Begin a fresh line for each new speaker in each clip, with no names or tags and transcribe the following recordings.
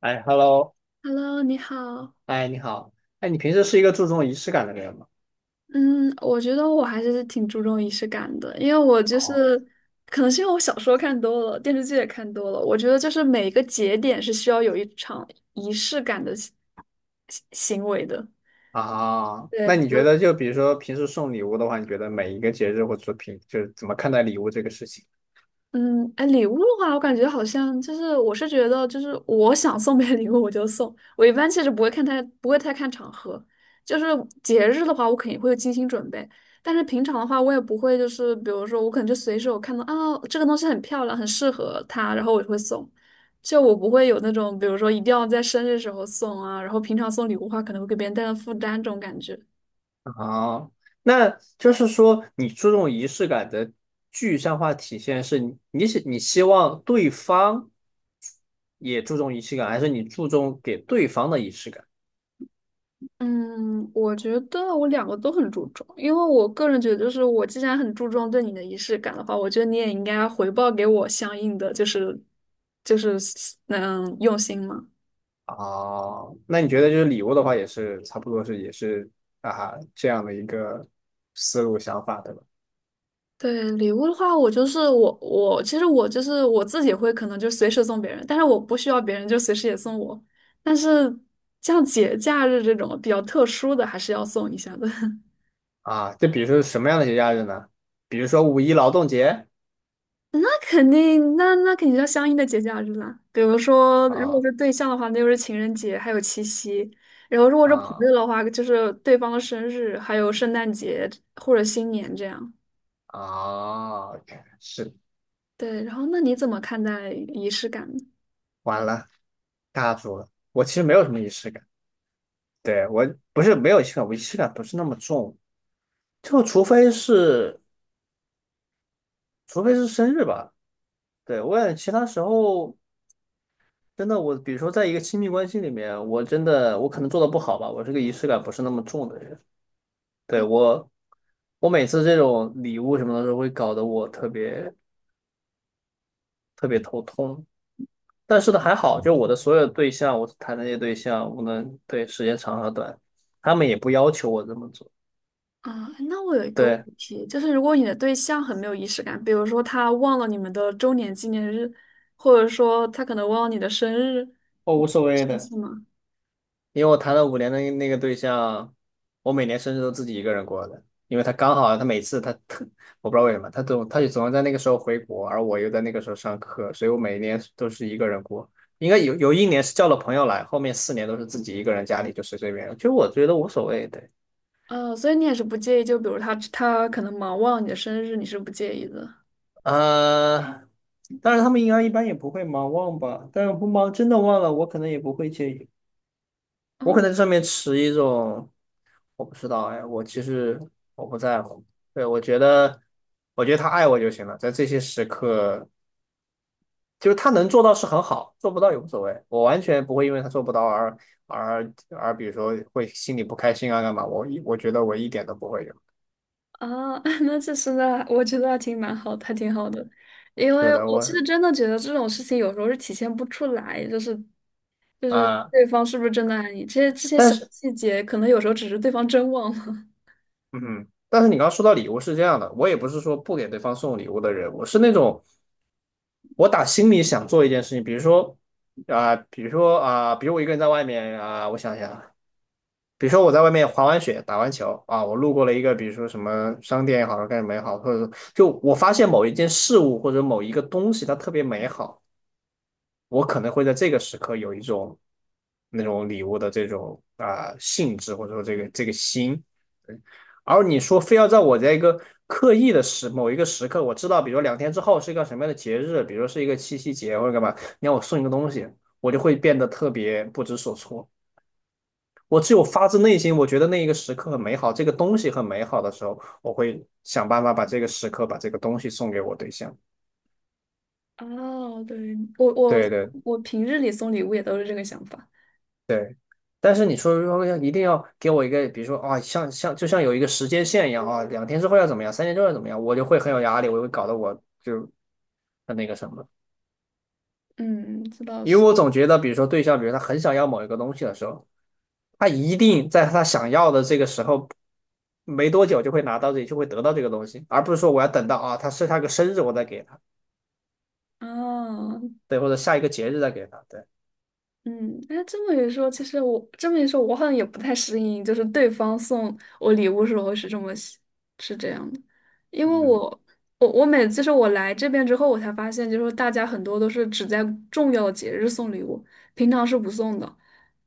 哎，Hello，
Hello，你好。
哎，你好，哎，你平时是一个注重仪式感的人吗？
嗯，我觉得我还是挺注重仪式感的，因为我就
哦，
是，可能是因为我小说看多了，电视剧也看多了，我觉得就是每一个节点是需要有一场仪式感的行为的。
啊，
对，
那
比
你
如
觉得就比如说平时送礼物的话，你觉得每一个节日或者说平就是怎么看待礼物这个事情？
嗯，哎，礼物的话，我感觉好像就是，我是觉得就是我想送别人礼物我就送，我一般其实不会太看场合，就是节日的话，我肯定会精心准备，但是平常的话，我也不会，就是比如说我可能就随手看到啊这个东西很漂亮，很适合他，然后我就会送，就我不会有那种比如说一定要在生日时候送啊，然后平常送礼物的话，可能会给别人带来负担这种感觉。
啊，那就是说你注重仪式感的具象化体现是你是你希望对方也注重仪式感，还是你注重给对方的仪式感？
嗯，我觉得我两个都很注重，因为我个人觉得，就是我既然很注重对你的仪式感的话，我觉得你也应该回报给我相应的，就是就是用心嘛。
哦，那你觉得就是礼物的话，也是差不多是也是啊这样的一个思路想法，对吧？
对，礼物的话，我其实我就是我自己会可能就随时送别人，但是我不需要别人就随时也送我，但是像节假日这种比较特殊的，还是要送一下的。
啊，就比如说什么样的节假日呢？比如说五一劳动节
肯定，那肯定要相应的节假日啦。比如说，如果
啊
是对象的话，那就是情人节，还有七夕；然后如果是朋
啊
友的话，就是对方的生日，还有圣诞节或者新年这样。
啊！OK，是
对，然后那你怎么看待仪式感呢？
完了，尬住了。我其实没有什么仪式感，对，我不是没有仪式感，我仪式感不是那么重，就除非是除非是生日吧。对，我也其他时候真的我，比如说在一个亲密关系里面，我真的我可能做的不好吧，我这个仪式感不是那么重的人。对，我每次这种礼物什么的都会搞得我特别特别头痛。但是呢，还好，就我的所有的对象，我谈的那些对象，无论对时间长和短，他们也不要求我这么做，
啊，那我有一个问
对，
题，就是如果你的对象很没有仪式感，比如说他忘了你们的周年纪念日，或者说他可能忘了你的生日，
我
你
无
会
所谓
生
的，
气吗？
因为我谈了五年的那个对象，我每年生日都自己一个人过的，因为他刚好他每次他特，我不知道为什么，他就总要在那个时候回国，而我又在那个时候上课，所以我每年都是一个人过。应该有一年是叫了朋友来，后面4年都是自己一个人家里就随随便，就我觉得无所谓，对。
所以你也是不介意，就比如他可能忙忘了你的生日，你是不介意的。
呃，但是他们应该一般也不会忙忘吧，但是不忙真的忘了，我可能也不会介意，我
哦，
可能上面持一种我不知道，哎，我其实我不在乎，对，我觉得我觉得他爱我就行了，在这些时刻，就是他能做到是很好，做不到也无所谓，我完全不会因为他做不到而而比如说会心里不开心啊干嘛，我觉得我一点都不会有，
啊，那其实呢，我觉得还挺蛮好的，还挺好的，因
是
为
的，
我其
我
实真的觉得这种事情有时候是体现不出来，就是
啊。
对方是不是真的爱你，这些这些
但
小
是
细节，可能有时候只是对方真忘了。
嗯哼但是你刚刚说到礼物是这样的，我也不是说不给对方送礼物的人，我是那种我打心里想做一件事情，比如说啊、比如说啊、比如我一个人在外面啊、我想想，比如说我在外面滑完雪、打完球啊，我路过了一个比如说什么商店也好，干什么也好，或者说就我发现某一件事物或者某一个东西它特别美好，我可能会在这个时刻有一种那种礼物的这种啊、性质，或者说这个心。对而你说非要在我在一个刻意的时某一个时刻，我知道，比如说两天之后是一个什么样的节日，比如是一个七夕节或者干嘛，你让我送一个东西，我就会变得特别不知所措。我只有发自内心，我觉得那一个时刻很美好，这个东西很美好的时候，我会想办法把这个时刻、把这个东西送给我对象。
哦，对，我我
对对
我平日里送礼物也都是这个想法。
对，但是你说如果要一定要给我一个，比如说啊，像就像有一个时间线一样啊，两天之后要怎么样，三天之后要怎么样，我就会很有压力，我会搞得我就很那个什么，
嗯，这倒
因
是。
为我总觉得，比如说对象，比如他很想要某一个东西的时候，他一定在他想要的这个时候没多久就会拿到这，就会得到这个东西，而不是说我要等到啊，他个生日我再给他，
哦，
对，或者下一个节日再给他，对，
嗯，哎，这么一说，其实我这么一说，我好像也不太适应，就是对方送我礼物时候是这么喜是这样的，因为
嗯
我每次是我来这边之后，我才发现，就是大家很多都是只在重要的节日送礼物，平常是不送的，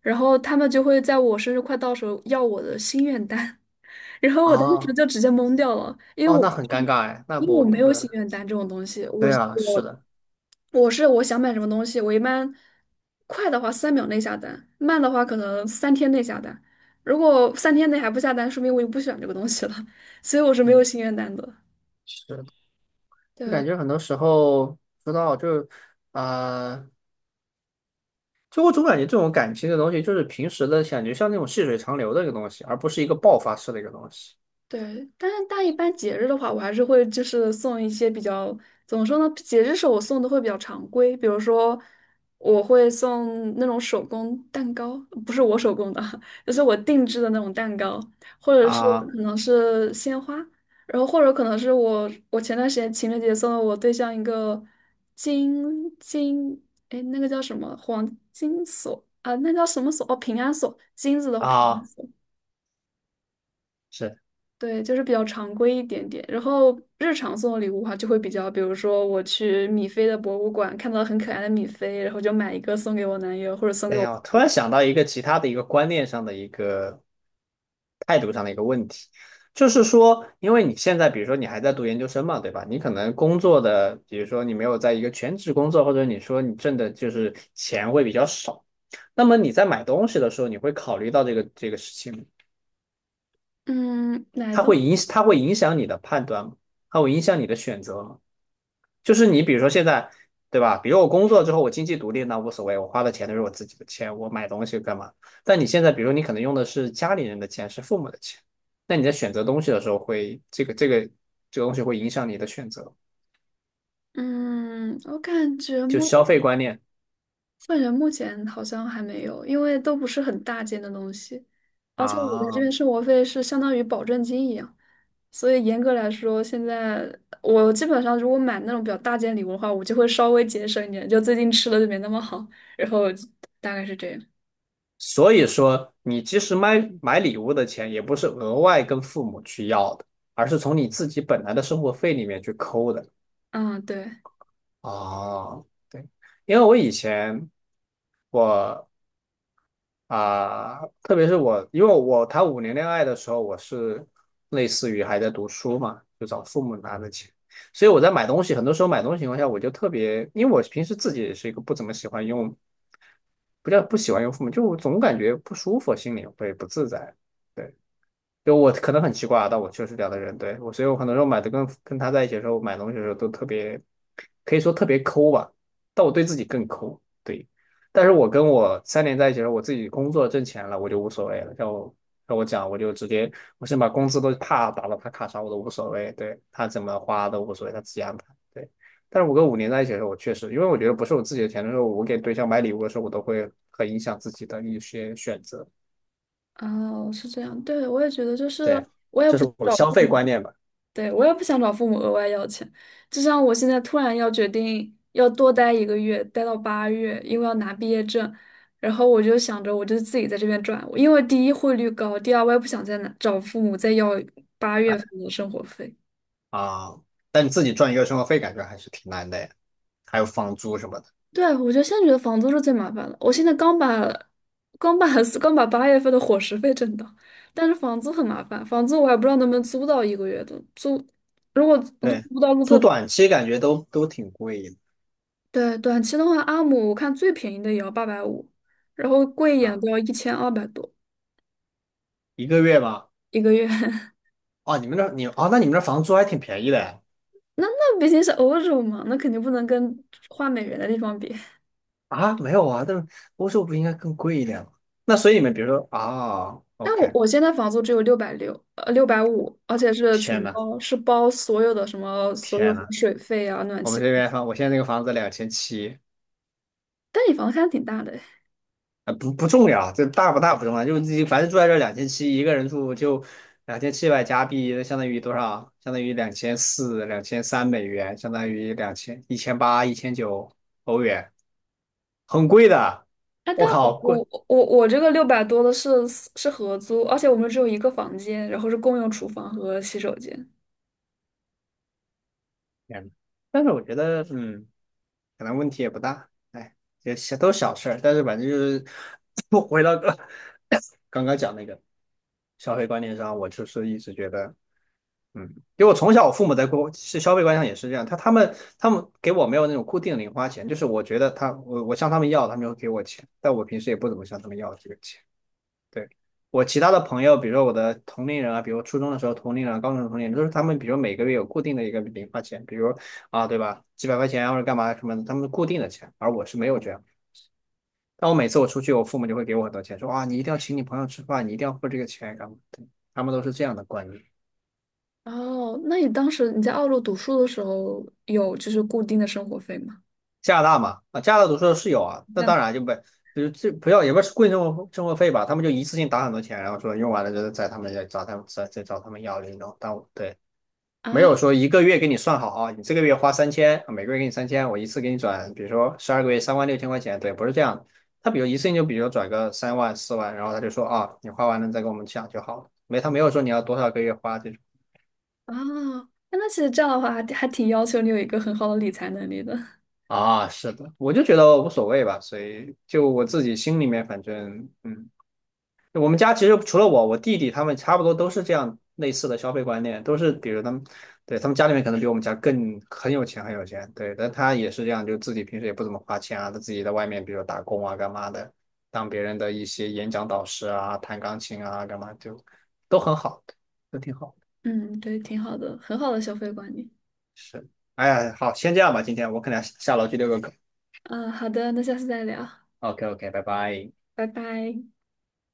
然后他们就会在我生日快到时候要我的心愿单，然后我当时
啊，
就直接懵掉了，因为
哦，
我
那很尴尬哎，那
因为我
不
没有
对，
心愿单这种东西，我
对啊，是
我
的，
我是我想买什么东西，我一般快的话3秒内下单，慢的话可能三天内下单。如果三天内还不下单，说明我就不喜欢这个东西了，所以我是没有
嗯，
心愿单的。
是。的。我感
对，
觉很多时候不知道，就呃，就我总感觉这种感情的东西，就是平时的感觉像那种细水长流的一个东西，而不是一个爆发式的一个东西
对，但一般节日的话，我还是会就是送一些比较，怎么说呢？节日时候我送的会比较常规，比如说我会送那种手工蛋糕，不是我手工的，就是我定制的那种蛋糕，或者是
啊
可能是鲜花，然后或者可能是我前段时间情人节送了我对象一个金金，哎，那个叫什么黄金锁啊？那叫什么锁？哦，平安锁，金子的平安
啊，
锁。
是。
对，就是比较常规一点点。然后日常送的礼物的话，就会比较，比如说我去米菲的博物馆看到很可爱的米菲，然后就买一个送给我男友，或者送给
哎
我，
呀，我突然想到一个其他的一个观念上的一个态度上的一个问题，就是说，因为你现在比如说你还在读研究生嘛，对吧？你可能工作的，比如说你没有在一个全职工作，或者你说你挣的就是钱会比较少，那么你在买东西的时候，你会考虑到这个这个事情吗，
嗯，哪都，
它会影响你的判断吗？它会影响你的选择吗？就是你比如说现在，对吧？比如我工作之后，我经济独立那无所谓，我花的钱都是我自己的钱，我买东西干嘛？但你现在，比如你可能用的是家里人的钱，是父母的钱，那你在选择东西的时候会，这个东西会影响你的选择，
嗯，
就消费观念
我感觉目前好像还没有，因为都不是很大件的东西，而且我在这
啊。
边生活费是相当于保证金一样，所以严格来说，现在我基本上如果买那种比较大件礼物的话，我就会稍微节省一点，就最近吃的就没那么好，然后大概是这样。
所以说，你即使买礼物的钱，也不是额外跟父母去要的，而是从你自己本来的生活费里面去抠的
嗯，对，
啊。对。因为我以前我啊、特别是我，因为我谈五年恋爱的时候，我是类似于还在读书嘛，就找父母拿的钱，所以我在买东西，很多时候买东西情况下，我就特别，因为我平时自己也是一个不怎么喜欢用，不叫不喜欢用父母，就我总感觉不舒服，心里会不自在。对。就我可能很奇怪啊，但我确实这样的人，对，我，所以我很多时候买的跟他在一起的时候买东西的时候都特别，可以说特别抠吧，但我对自己更抠，对。但是我跟我3年在一起的时候，我自己工作挣钱了，我就无所谓了。像我跟我讲，我就直接，我先把工资都啪打到他卡上，我都无所谓，对，他怎么花都无所谓，他自己安排。对。但是我跟五年在一起的时候，我确实，因为我觉得不是我自己的钱的时候，我给对象买礼物的时候，我都会很影响自己的一些选择。
哦，是这样，对，我也觉得就是
对，
我也
这
不
是我的
找
消
父
费
母，
观念吧。
对，我也不想找父母额外要钱，就像我现在突然要决定要多待一个月，待到八月，因为要拿毕业证，然后我就想着我就自己在这边赚，因为第一汇率高，第二我也不想再拿找父母再要八月份的生活费。
啊，但你自己赚一个月生活费，感觉还是挺难的呀，还有房租什么的。
对，我觉得现在觉得房租是最麻烦的，我现在刚把刚把 刚把8月份的伙食费挣到，但是房租很麻烦，房租我还不知道能不能租到一个月的租，如果租
对，
不到鹿
租
特。
短期感觉都都挺贵的
对，短期的话，阿姆我看最便宜的也要850，然后贵一点
啊，
都要1200多
一个月吗？
一个月。
哦，你们那你哦，那你们那房租还挺便宜的呀
那毕竟是欧洲嘛，那肯定不能跟换美元的地方比。
啊，没有啊，但欧洲不应该更贵一点吗？那所以你们比如说啊
但我
，OK，
我现在房租只有660，650，而且是
天
全
呐，
包，是包所有的什么所有
天
什么
呐，
水费啊、暖
我们
气
这
费。
边房，我现在这个房子两千七，
但你房子还挺大的哎，
啊，不不重要，这大不大不重要，就是自己反正住在这两千七，一个人住就2700加币，那相当于多少？相当于2400、2300美元，相当于两千1800、1900欧元，很贵的，
啊，但
我
我
靠，贵！
我我我这个600多的是合租，而且我们只有一个房间，然后是共用厨房和洗手间。
天呐，但是我觉得，嗯，可能问题也不大，哎，也小都是小事儿，但是反正就是 不回到刚刚讲那个消费观念上，我就是一直觉得。嗯，因为我从小我父母在过是消费观上也是这样，他们给我没有那种固定的零花钱，就是我觉得他我向他们要，他们就会给我钱，但我平时也不怎么向他们要这个钱。对，我其他的朋友，比如说我的同龄人啊，比如初中的时候同龄人啊，高中的同龄人，都是他们比如每个月有固定的一个零花钱，比如啊对吧，几百块钱啊或者干嘛什么的，他们固定的钱，而我是没有这样。但我每次我出去，我父母就会给我很多钱，说啊你一定要请你朋友吃饭，你一定要付这个钱干嘛的？他们都是这样的观念。
哦，那你当时你在澳洲读书的时候，有就是固定的生活费吗？
加拿大嘛，啊，加拿大读书的室友啊，那
在哪
当然就不，比如这不要也不是贵生活生活费吧，他们就一次性打很多钱，然后说用完了就在他们家找他们再找他们要那种，但我对，没
啊？
有说一个月给你算好啊，你这个月花三千，每个月给你三千，我一次给你转，比如说12个月36000块钱，对，不是这样的他比如一次性就比如转个三万40000，然后他就说啊，你花完了再跟我们讲就好了，没他没有说你要多少个月花这种。
啊，那其实这样的话还挺要求你有一个很好的理财能力的。
啊，是的，我就觉得无所谓吧，所以就我自己心里面，反正嗯，我们家其实除了我，我弟弟他们差不多都是这样类似的消费观念，都是比如他们，对，他们家里面可能比我们家更很有钱，很有钱，对，但他也是这样，就自己平时也不怎么花钱啊，他自己在外面，比如打工啊，干嘛的，当别人的一些演讲导师啊，弹钢琴啊，干嘛就都很好，都挺好的，
嗯，对，挺好的，很好的消费观念。
是，哎呀，好，先这样吧，今天我可能要下楼去遛个狗
嗯，好的，那下次再聊，
，OK OK，拜拜。
拜拜。